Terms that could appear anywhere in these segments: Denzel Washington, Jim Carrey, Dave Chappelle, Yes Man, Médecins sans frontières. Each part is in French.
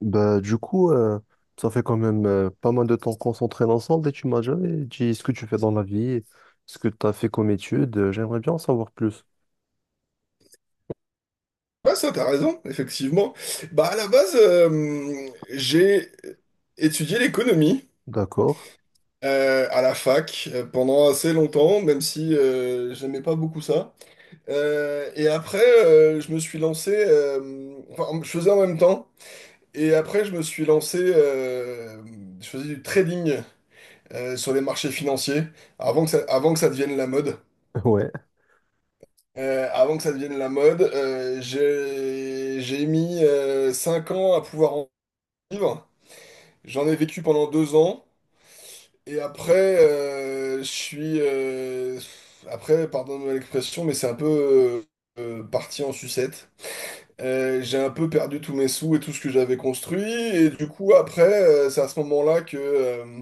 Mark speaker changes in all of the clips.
Speaker 1: Bah, du coup, ça fait quand même pas mal de temps qu'on s'entraîne ensemble et tu m'as jamais dit ce que tu fais dans la vie, ce que tu as fait comme études. J'aimerais bien en savoir plus.
Speaker 2: Ouais, ça, t'as raison, effectivement. Bah, à la base, j'ai étudié l'économie
Speaker 1: D'accord.
Speaker 2: à la fac pendant assez longtemps, même si j'aimais pas beaucoup ça. Et après, je me suis lancé, enfin, je faisais en même temps. Et après, je me suis lancé, je faisais du trading sur les marchés financiers avant que ça devienne la mode.
Speaker 1: Ouais,
Speaker 2: Avant que ça devienne la mode, j'ai mis 5 ans à pouvoir en vivre. J'en ai vécu pendant 2 ans. Et après, je suis. Après, pardonne-moi l'expression, mais c'est un peu parti en sucette. J'ai un peu perdu tous mes sous et tout ce que j'avais construit. Et du coup, après, c'est à ce moment-là que, euh,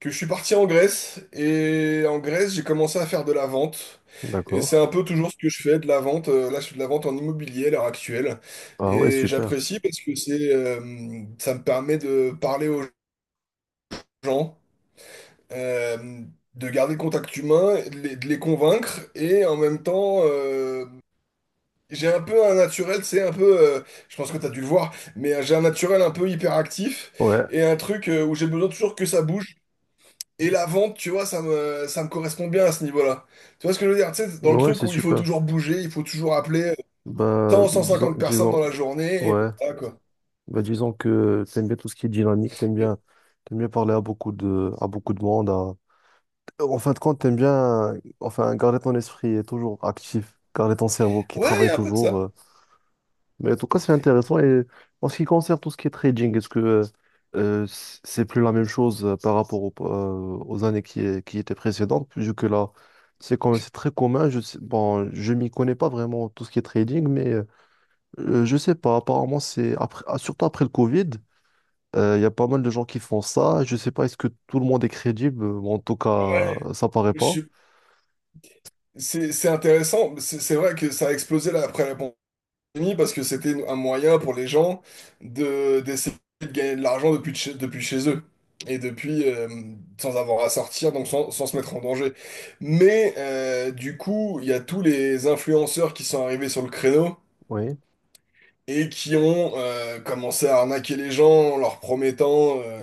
Speaker 2: que je suis parti en Grèce. Et en Grèce, j'ai commencé à faire de la vente. Et c'est
Speaker 1: d'accord.
Speaker 2: un peu toujours ce que je fais, de la vente. Là, je fais de la vente en immobilier à l'heure actuelle.
Speaker 1: Ah ouais,
Speaker 2: Et
Speaker 1: super.
Speaker 2: j'apprécie parce que ça me permet de parler aux gens. euh, de garder contact humain, de les convaincre, et en même temps, j'ai un peu un naturel, c'est un peu, je pense que t'as dû le voir, mais j'ai un naturel un peu hyperactif,
Speaker 1: Ouais,
Speaker 2: et un truc où j'ai besoin toujours que ça bouge. Et la vente, tu vois, ça me correspond bien à ce niveau-là. Tu vois ce que je veux dire? Tu sais, dans le
Speaker 1: ouais,
Speaker 2: truc
Speaker 1: c'est
Speaker 2: où il faut
Speaker 1: super.
Speaker 2: toujours bouger, il faut toujours appeler
Speaker 1: Bah,
Speaker 2: tant
Speaker 1: disons,
Speaker 2: 150 personnes dans
Speaker 1: disons,
Speaker 2: la journée, et
Speaker 1: ouais,
Speaker 2: voilà, quoi.
Speaker 1: bah, disons que t'aimes bien tout ce qui est dynamique, t'aimes bien parler à à beaucoup de monde. En fin de compte, t'aimes bien, enfin, garder ton esprit toujours actif, garder ton cerveau qui
Speaker 2: Ouais, il y
Speaker 1: travaille
Speaker 2: a un peu de
Speaker 1: toujours.
Speaker 2: ça.
Speaker 1: euh, Mais en tout cas, c'est intéressant. Et en ce qui concerne tout ce qui est trading, est-ce que c'est plus la même chose par rapport aux années qui étaient précédentes, vu que là, c'est quand même c'est très commun. Je sais, bon, je m'y connais pas vraiment tout ce qui est trading, mais je sais pas. Apparemment, surtout après le Covid, il y a pas mal de gens qui font ça. Je sais pas, est-ce que tout le monde est crédible? Bon, en tout cas,
Speaker 2: Ouais,
Speaker 1: ça paraît
Speaker 2: je
Speaker 1: pas.
Speaker 2: suis- c'est intéressant. C'est vrai que ça a explosé là, après la États-Unis parce que c'était un moyen pour les gens de d'essayer de gagner de l'argent depuis chez eux et depuis sans avoir à sortir, donc sans se mettre en danger. Mais du coup, il y a tous les influenceurs qui sont arrivés sur le créneau
Speaker 1: Oui.
Speaker 2: et qui ont commencé à arnaquer les gens en leur promettant,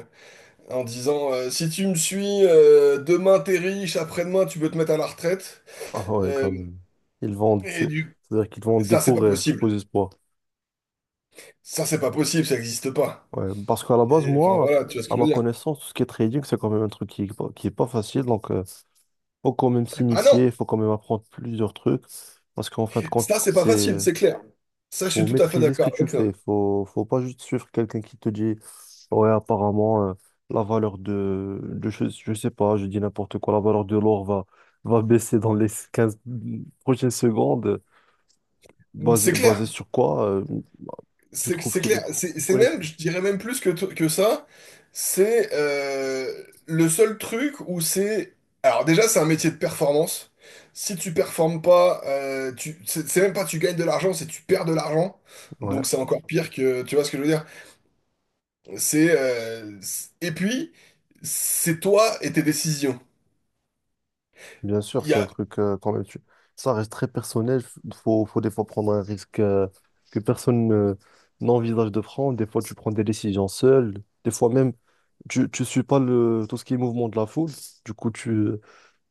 Speaker 2: en disant si tu me suis, demain t'es riche, après-demain tu peux te mettre à la retraite.
Speaker 1: Ah ouais,
Speaker 2: Euh,
Speaker 1: quand même. Ils vendent,
Speaker 2: et du...
Speaker 1: c'est-à-dire qu'ils vendent des
Speaker 2: Ça, c'est
Speaker 1: faux
Speaker 2: pas
Speaker 1: rêves, des faux
Speaker 2: possible.
Speaker 1: espoirs.
Speaker 2: Ça, c'est pas possible, ça n'existe pas.
Speaker 1: Ouais, parce qu'à la base,
Speaker 2: Et, enfin
Speaker 1: moi,
Speaker 2: voilà, tu vois ce
Speaker 1: à
Speaker 2: que je
Speaker 1: ma
Speaker 2: veux dire.
Speaker 1: connaissance, tout ce qui est trading, c'est quand même un truc qui est pas, facile. Donc, faut quand même
Speaker 2: Ah
Speaker 1: s'initier,
Speaker 2: non,
Speaker 1: il faut quand même apprendre plusieurs trucs. Parce qu'en fin de compte,
Speaker 2: ça c'est pas facile,
Speaker 1: c'est
Speaker 2: c'est clair. Ça, je suis
Speaker 1: faut
Speaker 2: tout à fait
Speaker 1: maîtriser ce que
Speaker 2: d'accord
Speaker 1: tu
Speaker 2: avec toi.
Speaker 1: fais. Faut pas juste suivre quelqu'un qui te dit, ouais, apparemment, la valeur de je sais pas, je dis n'importe quoi, la valeur de l'or va baisser dans les 15 prochaines secondes.
Speaker 2: C'est
Speaker 1: Basé,
Speaker 2: clair,
Speaker 1: basé sur quoi? Tu
Speaker 2: c'est
Speaker 1: trouves
Speaker 2: c'est
Speaker 1: qu'il a
Speaker 2: clair. C'est
Speaker 1: aucune
Speaker 2: c'est
Speaker 1: connaissance.
Speaker 2: même, je dirais même plus que ça, c'est le seul truc où c'est... Alors déjà, c'est un métier de performance. Si tu performes pas, c'est même pas tu gagnes de l'argent, c'est tu perds de l'argent. Donc c'est encore pire que... Tu vois ce que je veux dire? Et puis, c'est toi et tes décisions.
Speaker 1: Bien sûr,
Speaker 2: Il y
Speaker 1: c'est un
Speaker 2: a...
Speaker 1: truc quand même. Ça reste très personnel. Faut des fois prendre un risque que personne n'envisage de prendre. Des fois, tu prends des décisions seul. Des fois même, tu suis pas tout ce qui est mouvement de la foule. Du coup,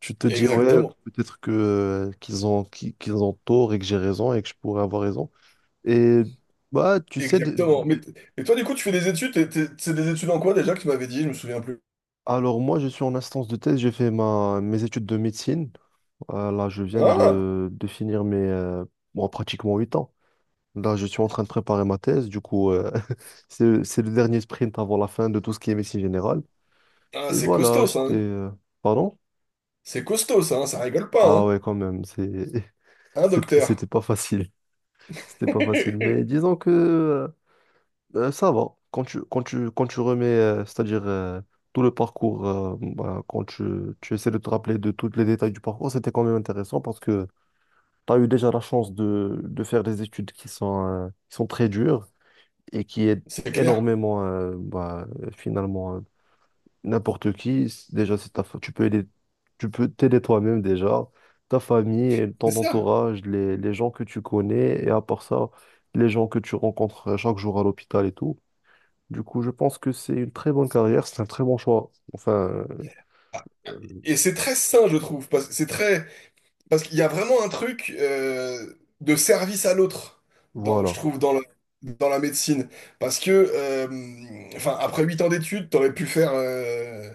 Speaker 1: tu te dis, ouais,
Speaker 2: Exactement.
Speaker 1: peut-être que qu'ils ont tort et que j'ai raison et que je pourrais avoir raison. Et bah, tu sais,
Speaker 2: Exactement. Mais et toi, du coup, tu fais des études, c'est des études en quoi déjà que tu m'avais dit, je me souviens plus.
Speaker 1: alors moi, je suis en instance de thèse. J'ai fait mes études de médecine. Là, je viens
Speaker 2: Ah,
Speaker 1: de finir mes bon, pratiquement 8 ans. Là, je suis en train de préparer ma thèse. Du coup, c'est le dernier sprint avant la fin de tout ce qui est médecine générale.
Speaker 2: ah,
Speaker 1: Et
Speaker 2: c'est
Speaker 1: voilà,
Speaker 2: costaud ça,
Speaker 1: j'étais,
Speaker 2: hein.
Speaker 1: euh, Pardon?
Speaker 2: C'est costaud ça, hein, ça rigole pas,
Speaker 1: Ah
Speaker 2: hein.
Speaker 1: ouais, quand même,
Speaker 2: Hein,
Speaker 1: c'était
Speaker 2: docteur?
Speaker 1: c'était pas facile. C'était pas facile. Mais disons que ça va. Quand tu remets, c'est-à-dire tout le parcours, bah, quand tu essaies de te rappeler de tous les détails du parcours, c'était quand même intéressant parce que. Tu as eu déjà la chance de faire des études qui sont très dures et qui aident
Speaker 2: C'est clair.
Speaker 1: énormément, bah, finalement, n'importe qui. Déjà, tu peux aider, tu peux t'aider toi-même déjà, ta famille, et
Speaker 2: C'est
Speaker 1: ton
Speaker 2: ça.
Speaker 1: entourage, les gens que tu connais et à part ça, les gens que tu rencontres chaque jour à l'hôpital et tout. Du coup, je pense que c'est une très bonne carrière, c'est un très bon choix. Enfin, euh,
Speaker 2: Et c'est très sain, je trouve, parce c'est très parce qu'il y a vraiment un truc de service à l'autre, dans, je
Speaker 1: voilà.
Speaker 2: trouve, dans la médecine. Parce que, enfin, après 8 ans d'études, t'aurais pu faire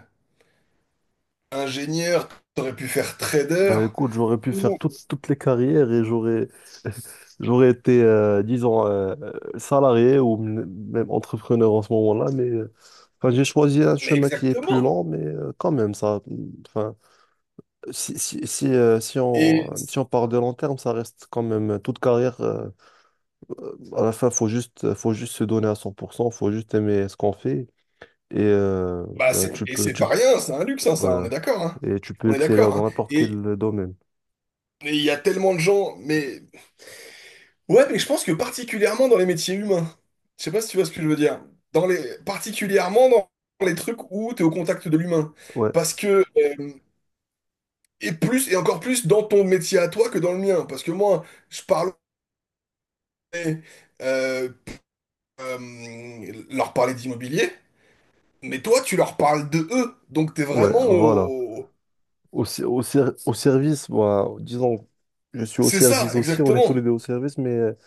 Speaker 2: ingénieur, t'aurais pu faire trader.
Speaker 1: Bah écoute, j'aurais pu faire
Speaker 2: Ou-
Speaker 1: toutes les carrières et j'aurais j'aurais été, disons, salarié ou même entrepreneur en ce moment-là, mais enfin, j'ai choisi un
Speaker 2: Mais
Speaker 1: chemin qui est plus
Speaker 2: exactement.
Speaker 1: lent, mais quand même, ça, enfin, si
Speaker 2: Et
Speaker 1: on part de long terme, ça reste quand même toute carrière. À la fin, faut juste se donner à 100%. Faut juste aimer ce qu'on fait et
Speaker 2: bah
Speaker 1: bah,
Speaker 2: c'est
Speaker 1: tu
Speaker 2: et
Speaker 1: peux,
Speaker 2: c'est pas rien, c'est un luxe, hein, ça, on
Speaker 1: voilà.
Speaker 2: est d'accord, hein.
Speaker 1: Et tu peux
Speaker 2: On est
Speaker 1: exceller
Speaker 2: d'accord,
Speaker 1: dans
Speaker 2: hein.
Speaker 1: n'importe quel
Speaker 2: Et
Speaker 1: domaine.
Speaker 2: et il y a tellement de gens, mais ouais, mais je pense que particulièrement dans les métiers humains, je sais pas si tu vois ce que je veux dire, dans les particulièrement dans les trucs où tu es au contact de l'humain,
Speaker 1: Ouais,
Speaker 2: parce que euh, et plus et encore plus dans ton métier à toi que dans le mien, parce que moi je parle euh, euh, leur parler d'immobilier, mais toi tu leur parles de eux, donc t'es
Speaker 1: ouais,
Speaker 2: vraiment
Speaker 1: voilà.
Speaker 2: au...
Speaker 1: Au service, moi, disons, je suis au
Speaker 2: C'est ça,
Speaker 1: service aussi, on est tous les
Speaker 2: exactement.
Speaker 1: deux au service, mais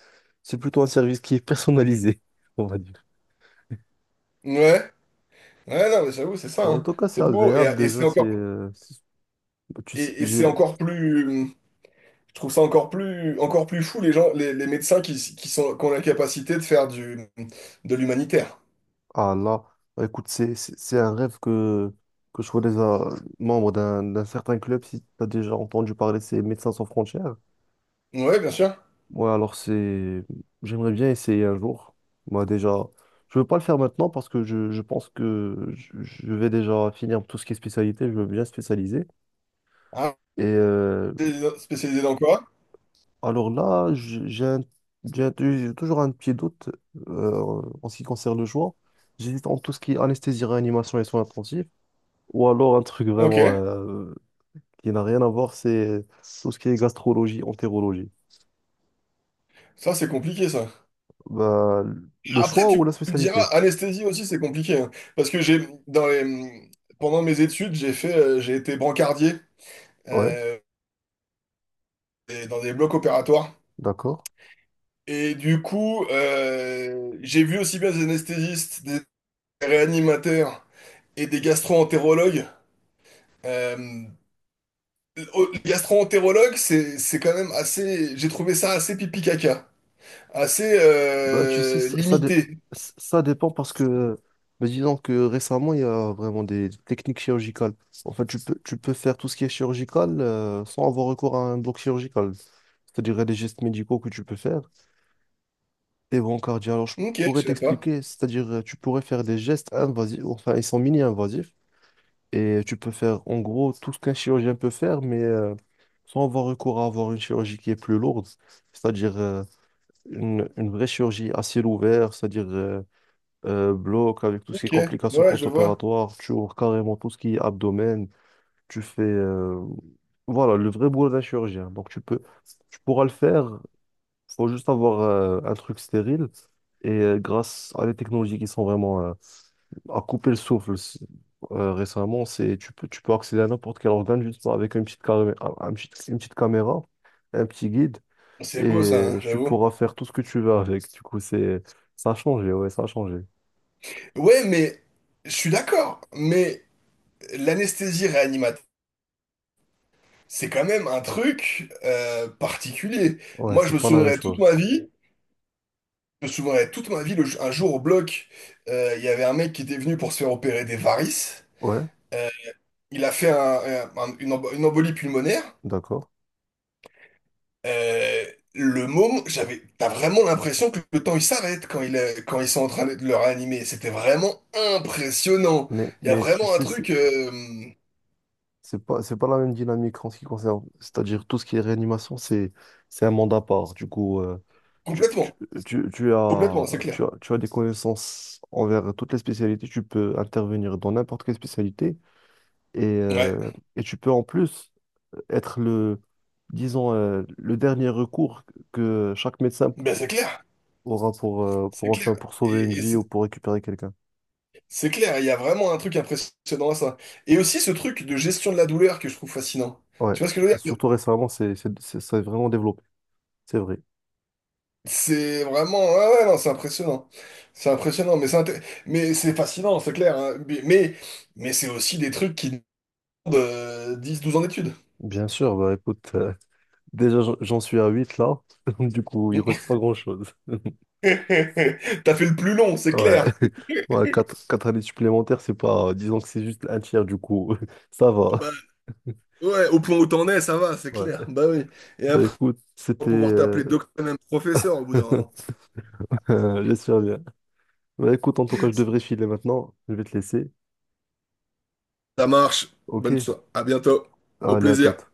Speaker 1: c'est plutôt un service qui est personnalisé, on va dire.
Speaker 2: Ouais, ouais, non, mais j'avoue, c'est ça,
Speaker 1: Bon, en
Speaker 2: hein.
Speaker 1: tout cas, c'est
Speaker 2: C'est beau, et,
Speaker 1: agréable
Speaker 2: et
Speaker 1: déjà,
Speaker 2: c'est encore,
Speaker 1: Tu sais,
Speaker 2: et, et c'est
Speaker 1: j'ai.
Speaker 2: encore plus, je trouve ça encore plus fou, les médecins qui ont la capacité de faire de l'humanitaire.
Speaker 1: Ah là, bah, écoute, c'est un rêve que je sois déjà membre d'un certain club, si tu as déjà entendu parler, c'est Médecins sans frontières.
Speaker 2: Ouais, bien sûr.
Speaker 1: Ouais, alors c'est. J'aimerais bien essayer un jour. Moi, déjà, je veux pas le faire maintenant parce que je pense que je vais déjà finir tout ce qui est spécialité. Je veux bien spécialiser.
Speaker 2: Ah,
Speaker 1: Et
Speaker 2: t'es spécialisé dans quoi?
Speaker 1: alors là, j'ai toujours un petit doute en ce qui concerne le choix. J'hésite entre tout ce qui est anesthésie, réanimation et soins intensifs. Ou alors un truc
Speaker 2: Ok,
Speaker 1: vraiment qui n'a rien à voir, c'est tout ce qui est gastrologie, entérologie.
Speaker 2: ça, c'est compliqué, ça.
Speaker 1: Bah, le
Speaker 2: Après,
Speaker 1: choix
Speaker 2: tu
Speaker 1: ou la
Speaker 2: tu me diras,
Speaker 1: spécialité?
Speaker 2: anesthésie aussi, c'est compliqué, hein. Parce que pendant mes études, j'ai été brancardier,
Speaker 1: Ouais,
Speaker 2: euh, et dans des blocs opératoires.
Speaker 1: d'accord.
Speaker 2: Et du coup, j'ai vu aussi bien des anesthésistes, des réanimateurs et des gastro-entérologues. Euh, oh, les gastro-entérologues, c'est quand même assez. J'ai trouvé ça assez pipi-caca, assez
Speaker 1: Bah, tu sais, ça, ça, dé-
Speaker 2: limité.
Speaker 1: ça dépend parce que, mais disons que récemment, il y a vraiment des techniques chirurgicales. En fait, tu peux faire tout ce qui est chirurgical sans avoir recours à un bloc chirurgical. C'est-à-dire il y a des gestes médicaux que tu peux faire. Et bon, cardio, alors je
Speaker 2: Ok,
Speaker 1: pourrais
Speaker 2: je sais pas.
Speaker 1: t'expliquer. C'est-à-dire, tu pourrais faire des gestes invasifs, enfin, ils sont mini-invasifs. Et tu peux faire, en gros, tout ce qu'un chirurgien peut faire, mais sans avoir recours à avoir une chirurgie qui est plus lourde. C'est-à-dire une, vraie chirurgie à ciel ouvert, c'est-à-dire. Bloc, avec tout ce qui est
Speaker 2: Ok,
Speaker 1: complications
Speaker 2: ouais, je vois.
Speaker 1: post-opératoires, tu ouvres carrément tout ce qui est abdomen, tu fais. Voilà, le vrai boulot d'un chirurgien. Donc tu pourras le faire, faut juste avoir un truc stérile. Et grâce à des technologies qui sont vraiment à couper le souffle récemment, tu peux accéder à n'importe quel organe juste avec une petite caméra, un petit guide,
Speaker 2: C'est beau
Speaker 1: et
Speaker 2: ça, hein,
Speaker 1: tu
Speaker 2: j'avoue.
Speaker 1: pourras faire tout ce que tu veux avec. Du coup, ça a changé, ouais, ça a changé.
Speaker 2: Ouais, mais je suis d'accord. Mais l'anesthésie réanimateur, c'est quand même un truc particulier.
Speaker 1: Ouais,
Speaker 2: Moi,
Speaker 1: c'est
Speaker 2: je me
Speaker 1: pas la même
Speaker 2: souviendrai toute
Speaker 1: chose.
Speaker 2: ma vie. Je me souviendrai toute ma vie, un jour au bloc, il y avait un mec qui était venu pour se faire opérer des varices.
Speaker 1: Ouais,
Speaker 2: Euh, il a fait une embolie pulmonaire.
Speaker 1: d'accord.
Speaker 2: Euh, T'as vraiment l'impression que le temps il s'arrête quand ils sont en train de le réanimer. C'était vraiment impressionnant.
Speaker 1: Mais,
Speaker 2: Il y a
Speaker 1: mais tu
Speaker 2: vraiment un
Speaker 1: sais,
Speaker 2: truc
Speaker 1: c'est pas la même dynamique en ce qui concerne. C'est-à-dire, tout ce qui est réanimation, c'est un mandat à part. Du coup, tu, tu,
Speaker 2: complètement,
Speaker 1: tu, tu
Speaker 2: complètement,
Speaker 1: as,
Speaker 2: c'est
Speaker 1: tu
Speaker 2: clair.
Speaker 1: as, tu as des connaissances envers toutes les spécialités. Tu peux intervenir dans n'importe quelle spécialité. Et,
Speaker 2: Ouais,
Speaker 1: euh, et tu peux en plus être disons, le dernier recours que chaque médecin
Speaker 2: ben c'est clair,
Speaker 1: aura pour,
Speaker 2: c'est clair.
Speaker 1: enfin, pour sauver une
Speaker 2: Et
Speaker 1: vie ou
Speaker 2: c'est
Speaker 1: pour récupérer quelqu'un.
Speaker 2: c'est clair, il y a vraiment un truc impressionnant à ça. Et aussi ce truc de gestion de la douleur que je trouve fascinant.
Speaker 1: Ouais,
Speaker 2: Tu vois ce que je veux dire?
Speaker 1: surtout récemment, ça s'est vraiment développé, c'est vrai.
Speaker 2: C'est vraiment, ouais, ouais, non, c'est impressionnant. C'est impressionnant, mais c'est fascinant, c'est clair, hein. Mais c'est aussi des trucs qui demandent 10-12 ans d'études.
Speaker 1: Bien sûr, bah écoute, déjà j'en suis à 8 là, du coup il reste pas grand-chose.
Speaker 2: T'as fait le plus long, c'est
Speaker 1: Ouais,
Speaker 2: clair.
Speaker 1: ouais quatre années supplémentaires, c'est pas, disons que c'est juste un tiers du coup, ça
Speaker 2: Bah,
Speaker 1: va.
Speaker 2: ouais, au point où t'en es, ça va, c'est
Speaker 1: Ouais,
Speaker 2: clair. Bah oui. Et
Speaker 1: bah
Speaker 2: après,
Speaker 1: écoute,
Speaker 2: on va pouvoir t'appeler docteur, même professeur au bout d'un moment.
Speaker 1: j'espère bien. Bah écoute, en tout cas, je devrais filer maintenant, je vais te laisser.
Speaker 2: Ça marche.
Speaker 1: Ok,
Speaker 2: Bonne soirée. À bientôt. Au
Speaker 1: allez à
Speaker 2: plaisir.
Speaker 1: toute.